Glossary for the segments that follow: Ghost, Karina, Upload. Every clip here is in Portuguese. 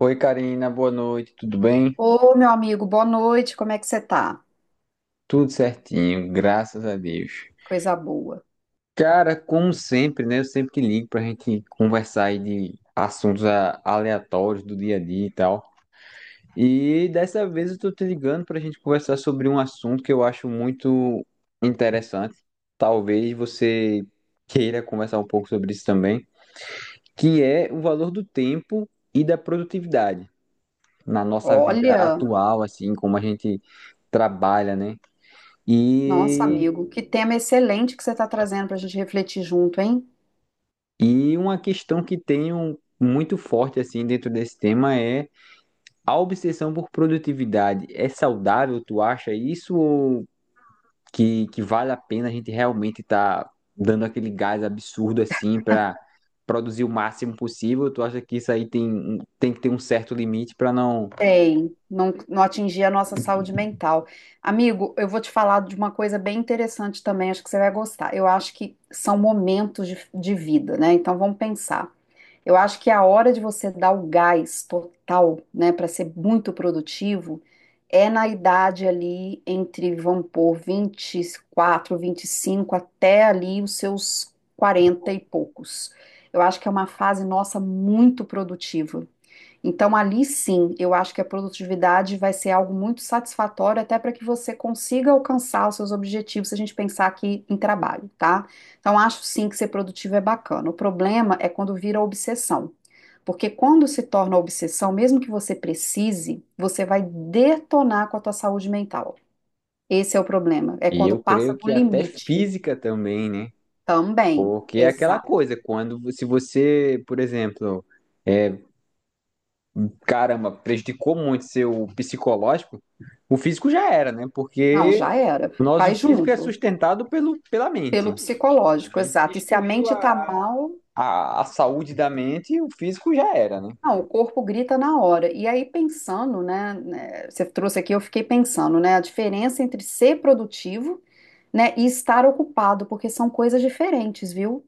Oi, Karina, boa noite, tudo bem? Ô, meu amigo, boa noite, como é que você tá? Tudo certinho, graças a Deus. Coisa boa. Cara, como sempre, né? Eu sempre te ligo pra gente conversar aí de assuntos aleatórios do dia a dia e tal. E dessa vez eu tô te ligando pra gente conversar sobre um assunto que eu acho muito interessante. Talvez você queira conversar um pouco sobre isso também, que é o valor do tempo e da produtividade na nossa vida Olha, atual, assim, como a gente trabalha, né? nossa, E, amigo, que tema excelente que você está trazendo para a gente refletir junto, hein? e uma questão que tenho muito forte assim dentro desse tema é a obsessão por produtividade. É saudável, tu acha isso ou que vale a pena a gente realmente estar dando aquele gás absurdo assim para produzir o máximo possível? Tu acha que isso aí tem, tem que ter um certo limite para não. Tem, não, não atingir a nossa saúde mental. Amigo, eu vou te falar de uma coisa bem interessante também, acho que você vai gostar. Eu acho que são momentos de vida, né? Então vamos pensar. Eu acho que a hora de você dar o gás total, né, para ser muito produtivo, é na idade ali entre, vamos pôr, 24, 25 até ali os seus 40 e poucos. Eu acho que é uma fase nossa muito produtiva. Então, ali sim, eu acho que a produtividade vai ser algo muito satisfatório até para que você consiga alcançar os seus objetivos, se a gente pensar aqui em trabalho, tá? Então, acho sim que ser produtivo é bacana. O problema é quando vira obsessão. Porque quando se torna obsessão, mesmo que você precise, você vai detonar com a tua saúde mental. Esse é o problema. É E quando eu passa creio do que até limite física também, né? também. Porque é aquela Exato. coisa, quando se você, por exemplo é, caramba, prejudicou muito seu psicológico, o físico já era, né? Não, Porque já era. o nosso Vai físico é junto. sustentado pela Pelo mente. A psicológico, mente exato. E se a destruiu mente tá mal, a saúde da mente e o físico já era, né? não, o corpo grita na hora. E aí, pensando, né, você trouxe aqui, eu fiquei pensando, né, a diferença entre ser produtivo, né, e estar ocupado, porque são coisas diferentes, viu?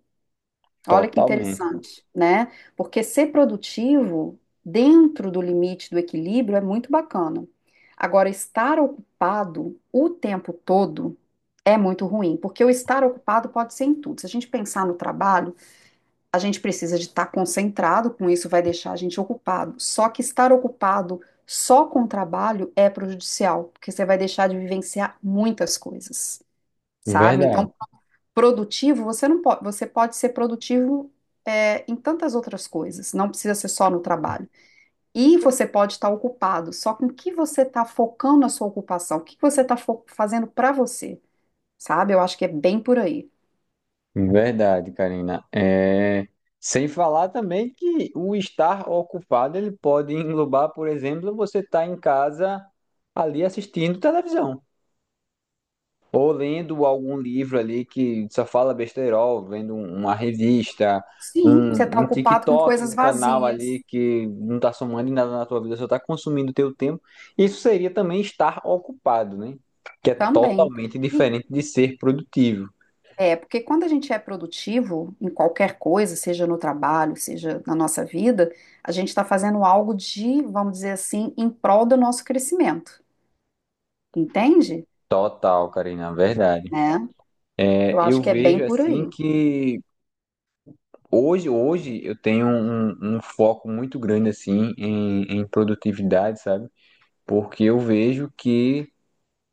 Olha que Totalmente. interessante, né? Porque ser produtivo, dentro do limite do equilíbrio, é muito bacana. Agora, estar ocupado o tempo todo é muito ruim, porque o estar ocupado pode ser em tudo. Se a gente pensar no trabalho, a gente precisa de estar concentrado com isso, vai deixar a gente ocupado. Só que estar ocupado só com o trabalho é prejudicial, porque você vai deixar de vivenciar muitas coisas, sabe? Então, Verdade, produtivo, você não pode, você pode ser produtivo é, em tantas outras coisas, não precisa ser só no trabalho. E você pode estar ocupado, só com o que você está focando a sua ocupação, o que que você está fazendo para você, sabe? Eu acho que é bem por aí. Verdade, Karina. Sem falar também que o estar ocupado ele pode englobar, por exemplo, você estar em casa ali assistindo televisão. Ou lendo algum livro ali que só fala besteirol, vendo uma revista, Sim, você está um ocupado com TikTok, coisas um canal vazias ali que não tá somando em nada na tua vida, só tá consumindo teu tempo. Isso seria também estar ocupado, né? Que é também. totalmente E, diferente de ser produtivo. é, porque quando a gente é produtivo em qualquer coisa, seja no trabalho, seja na nossa vida, a gente está fazendo algo de, vamos dizer assim, em prol do nosso crescimento, entende? Total, Karina, verdade. Né? É, Eu acho eu que é bem vejo por assim aí. que hoje eu tenho um foco muito grande assim em produtividade, sabe? Porque eu vejo que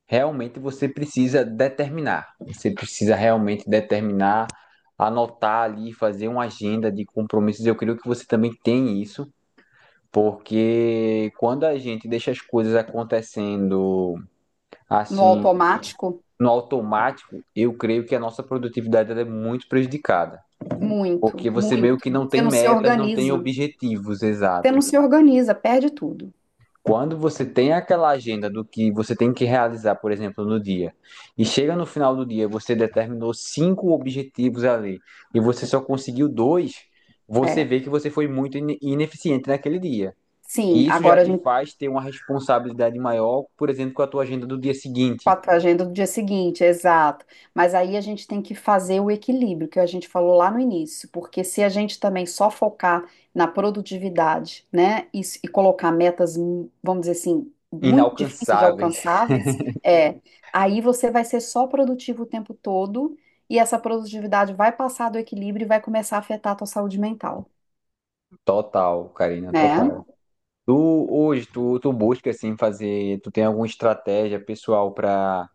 realmente você precisa determinar. Você precisa realmente determinar, anotar ali, fazer uma agenda de compromissos. Eu creio que você também tem isso, porque quando a gente deixa as coisas acontecendo No assim, automático, no automático, eu creio que a nossa produtividade ela é muito prejudicada. Porque muito, você meio muito. que não Você tem não se metas, não tem organiza, objetivos, você não exato. se organiza, perde tudo. Quando você tem aquela agenda do que você tem que realizar, por exemplo, no dia, e chega no final do dia, você determinou cinco objetivos ali, e você só conseguiu dois, você É. vê que você foi muito ineficiente naquele dia. Sim, E isso já agora a te gente faz ter uma responsabilidade maior, por exemplo, com a tua agenda do dia seguinte. quatro agendas do dia seguinte, exato. Mas aí a gente tem que fazer o equilíbrio que a gente falou lá no início, porque se a gente também só focar na produtividade, né, e, e colocar metas, vamos dizer assim, muito difíceis de Inalcançáveis. alcançáveis, é, aí você vai ser só produtivo o tempo todo e essa produtividade vai passar do equilíbrio e vai começar a afetar a tua saúde mental, Total, Karina, né, total. Tu busca assim fazer, tu tem alguma estratégia pessoal para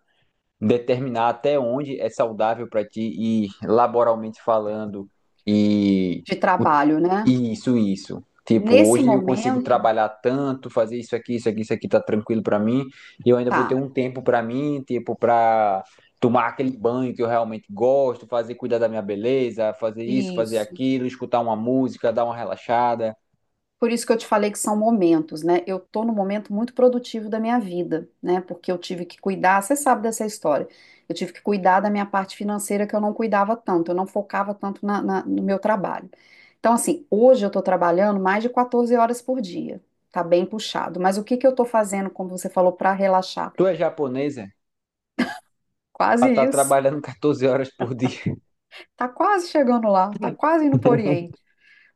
determinar até onde é saudável para ti e laboralmente falando e de trabalho, né? E isso. Tipo, Nesse hoje eu consigo momento, trabalhar tanto, fazer isso aqui, isso aqui, isso aqui tá tranquilo para mim, e eu ainda vou ter tá. um tempo para mim, tipo, para tomar aquele banho que eu realmente gosto, fazer cuidar da minha beleza, fazer isso, fazer Isso. aquilo, escutar uma música, dar uma relaxada. Por isso que eu te falei que são momentos, né? Eu tô num momento muito produtivo da minha vida, né? Porque eu tive que cuidar, você sabe dessa história. Eu tive que cuidar da minha parte financeira que eu não cuidava tanto, eu não focava tanto no meu trabalho. Então, assim, hoje eu tô trabalhando mais de 14 horas por dia. Tá bem puxado. Mas o que que eu tô fazendo, como você falou, para relaxar? Tu é japonesa? Quase Ela tá isso. trabalhando 14 horas por dia. Tá quase chegando lá, tá quase indo pro Oriente.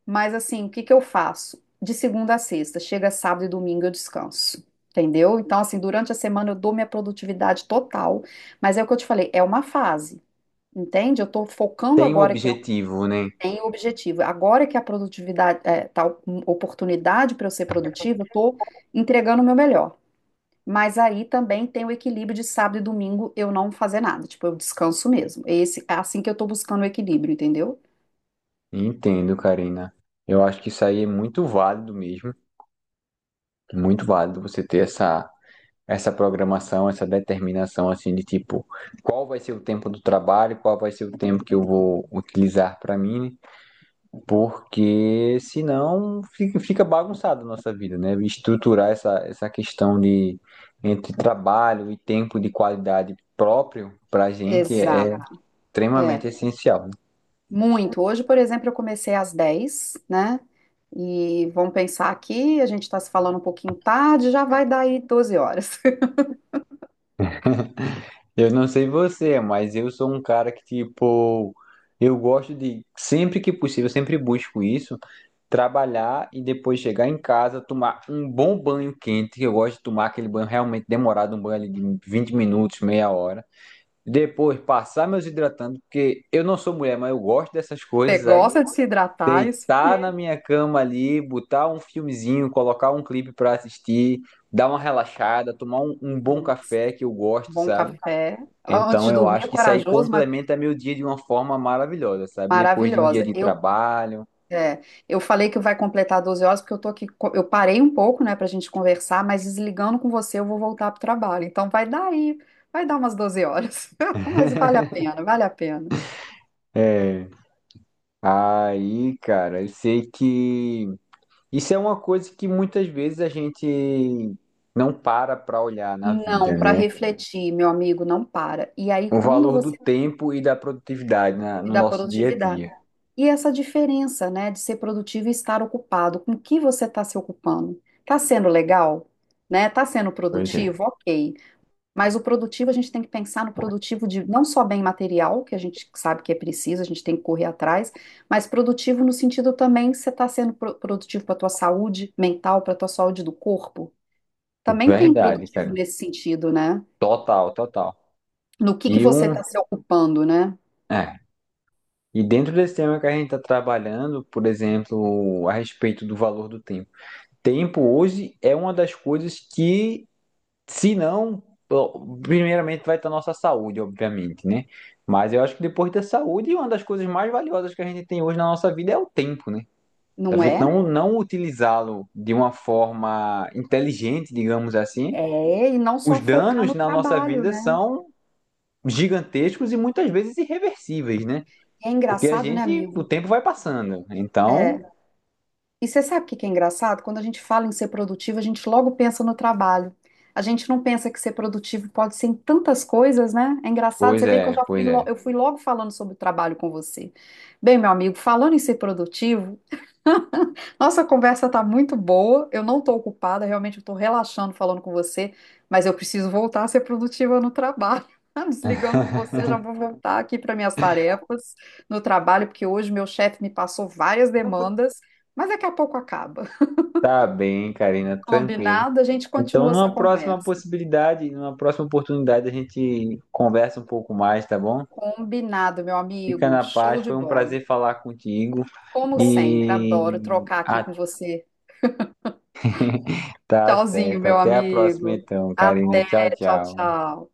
Mas assim, o que que eu faço? De segunda a sexta, chega sábado e domingo eu descanso. Entendeu? Então, assim, durante a semana eu dou minha produtividade total, mas é o que eu te falei, é uma fase, entende? Eu tô focando Tem um agora que eu objetivo, né? tenho objetivo. Agora que a produtividade, é, tá oportunidade para eu ser produtiva, eu tô entregando o meu melhor. Mas aí também tem o equilíbrio de sábado e domingo eu não fazer nada, tipo, eu descanso mesmo. Esse, é assim que eu tô buscando o equilíbrio, entendeu? Entendo, Karina. Eu acho que isso aí é muito válido mesmo, muito válido você ter essa programação, essa determinação assim de tipo, qual vai ser o tempo do trabalho, qual vai ser o tempo que eu vou utilizar para mim, né? Porque senão fica bagunçada a nossa vida, né? Estruturar essa questão de entre trabalho e tempo de qualidade próprio para a gente é Exato. extremamente É. essencial. Muito. Hoje, por exemplo, eu comecei às 10, né? E vamos pensar aqui, a gente está se falando um pouquinho tarde, já vai dar aí 12h. Eu não sei você, mas eu sou um cara que, tipo, eu gosto de, sempre que possível, eu sempre busco isso, trabalhar e depois chegar em casa, tomar um bom banho quente, que eu gosto de tomar aquele banho realmente demorado, um banho ali de 20 minutos, meia hora. Depois passar meus hidratantes, porque eu não sou mulher, mas eu gosto dessas Você coisas, sabe? gosta de se hidratar, é isso Deitar na aí. minha cama ali, botar um filmezinho, colocar um clipe pra assistir, dar uma relaxada, tomar um bom Nossa, café que eu gosto, bom sabe? café. Antes Então, de eu dormir, é acho que isso aí corajoso, mas complementa meu dia de uma forma maravilhosa, sabe? Depois de um dia maravilhosa. de Eu, trabalho. é, eu falei que vai completar 12h, porque eu tô aqui, eu parei um pouco, né, pra gente conversar, mas desligando com você, eu vou voltar pro trabalho. Então vai dar aí, vai dar umas 12h. Mas vale a pena, vale a pena. É. Aí, cara, eu sei que isso é uma coisa que muitas vezes a gente não para pra olhar na Não, vida, para né? refletir, meu amigo, não para. E aí, O quando valor do você tempo e da produtividade no dá nosso dia a produtividade, dia. e essa diferença, né, de ser produtivo e estar ocupado, com o que você está se ocupando? Está sendo legal? Né? Está sendo Pois é. produtivo? Ok. Mas o produtivo, a gente tem que pensar no produtivo de não só bem material, que a gente sabe que é preciso, a gente tem que correr atrás, mas produtivo no sentido também que você está sendo produtivo para a tua saúde mental, para a tua saúde do corpo. Também tem Verdade, produtivo cara. nesse sentido, né? Total, total. No que E você um. está se ocupando, né? É. E dentro desse tema que a gente está trabalhando, por exemplo, a respeito do valor do tempo. Tempo hoje é uma das coisas que, se não, primeiramente vai estar nossa saúde, obviamente, né? Mas eu acho que depois da saúde, uma das coisas mais valiosas que a gente tem hoje na nossa vida é o tempo, né? A Não gente é? Não utilizá-lo de uma forma inteligente, digamos assim, É, e não os só focar danos no na nossa trabalho, vida né? são gigantescos e muitas vezes irreversíveis, né? É Porque a engraçado, né, gente, o amigo? tempo vai passando. Então, É. E você sabe o que que é engraçado? Quando a gente fala em ser produtivo, a gente logo pensa no trabalho. A gente não pensa que ser produtivo pode ser em tantas coisas, né? É engraçado, você vê que eu já fui, pois é. eu fui logo falando sobre o trabalho com você. Bem, meu amigo, falando em ser produtivo, nossa, a conversa tá muito boa. Eu não tô ocupada, realmente eu tô relaxando falando com você, mas eu preciso voltar a ser produtiva no trabalho. Desligando com você, já vou voltar aqui para minhas tarefas no trabalho, porque hoje meu chefe me passou várias demandas, mas daqui a pouco acaba. Tá bem, Karina, tranquilo. Combinado? A gente Então, continua essa numa próxima conversa. possibilidade, numa próxima oportunidade, a gente conversa um pouco mais, tá bom? Combinado, meu Fica amigo. na Show paz, de foi um bola. prazer falar contigo. Como sempre, adoro E trocar aqui ah, com você. tá Tchauzinho, certo. meu Até a próxima amigo. então, Karina. Até, Tchau, tchau, tchau. tchau.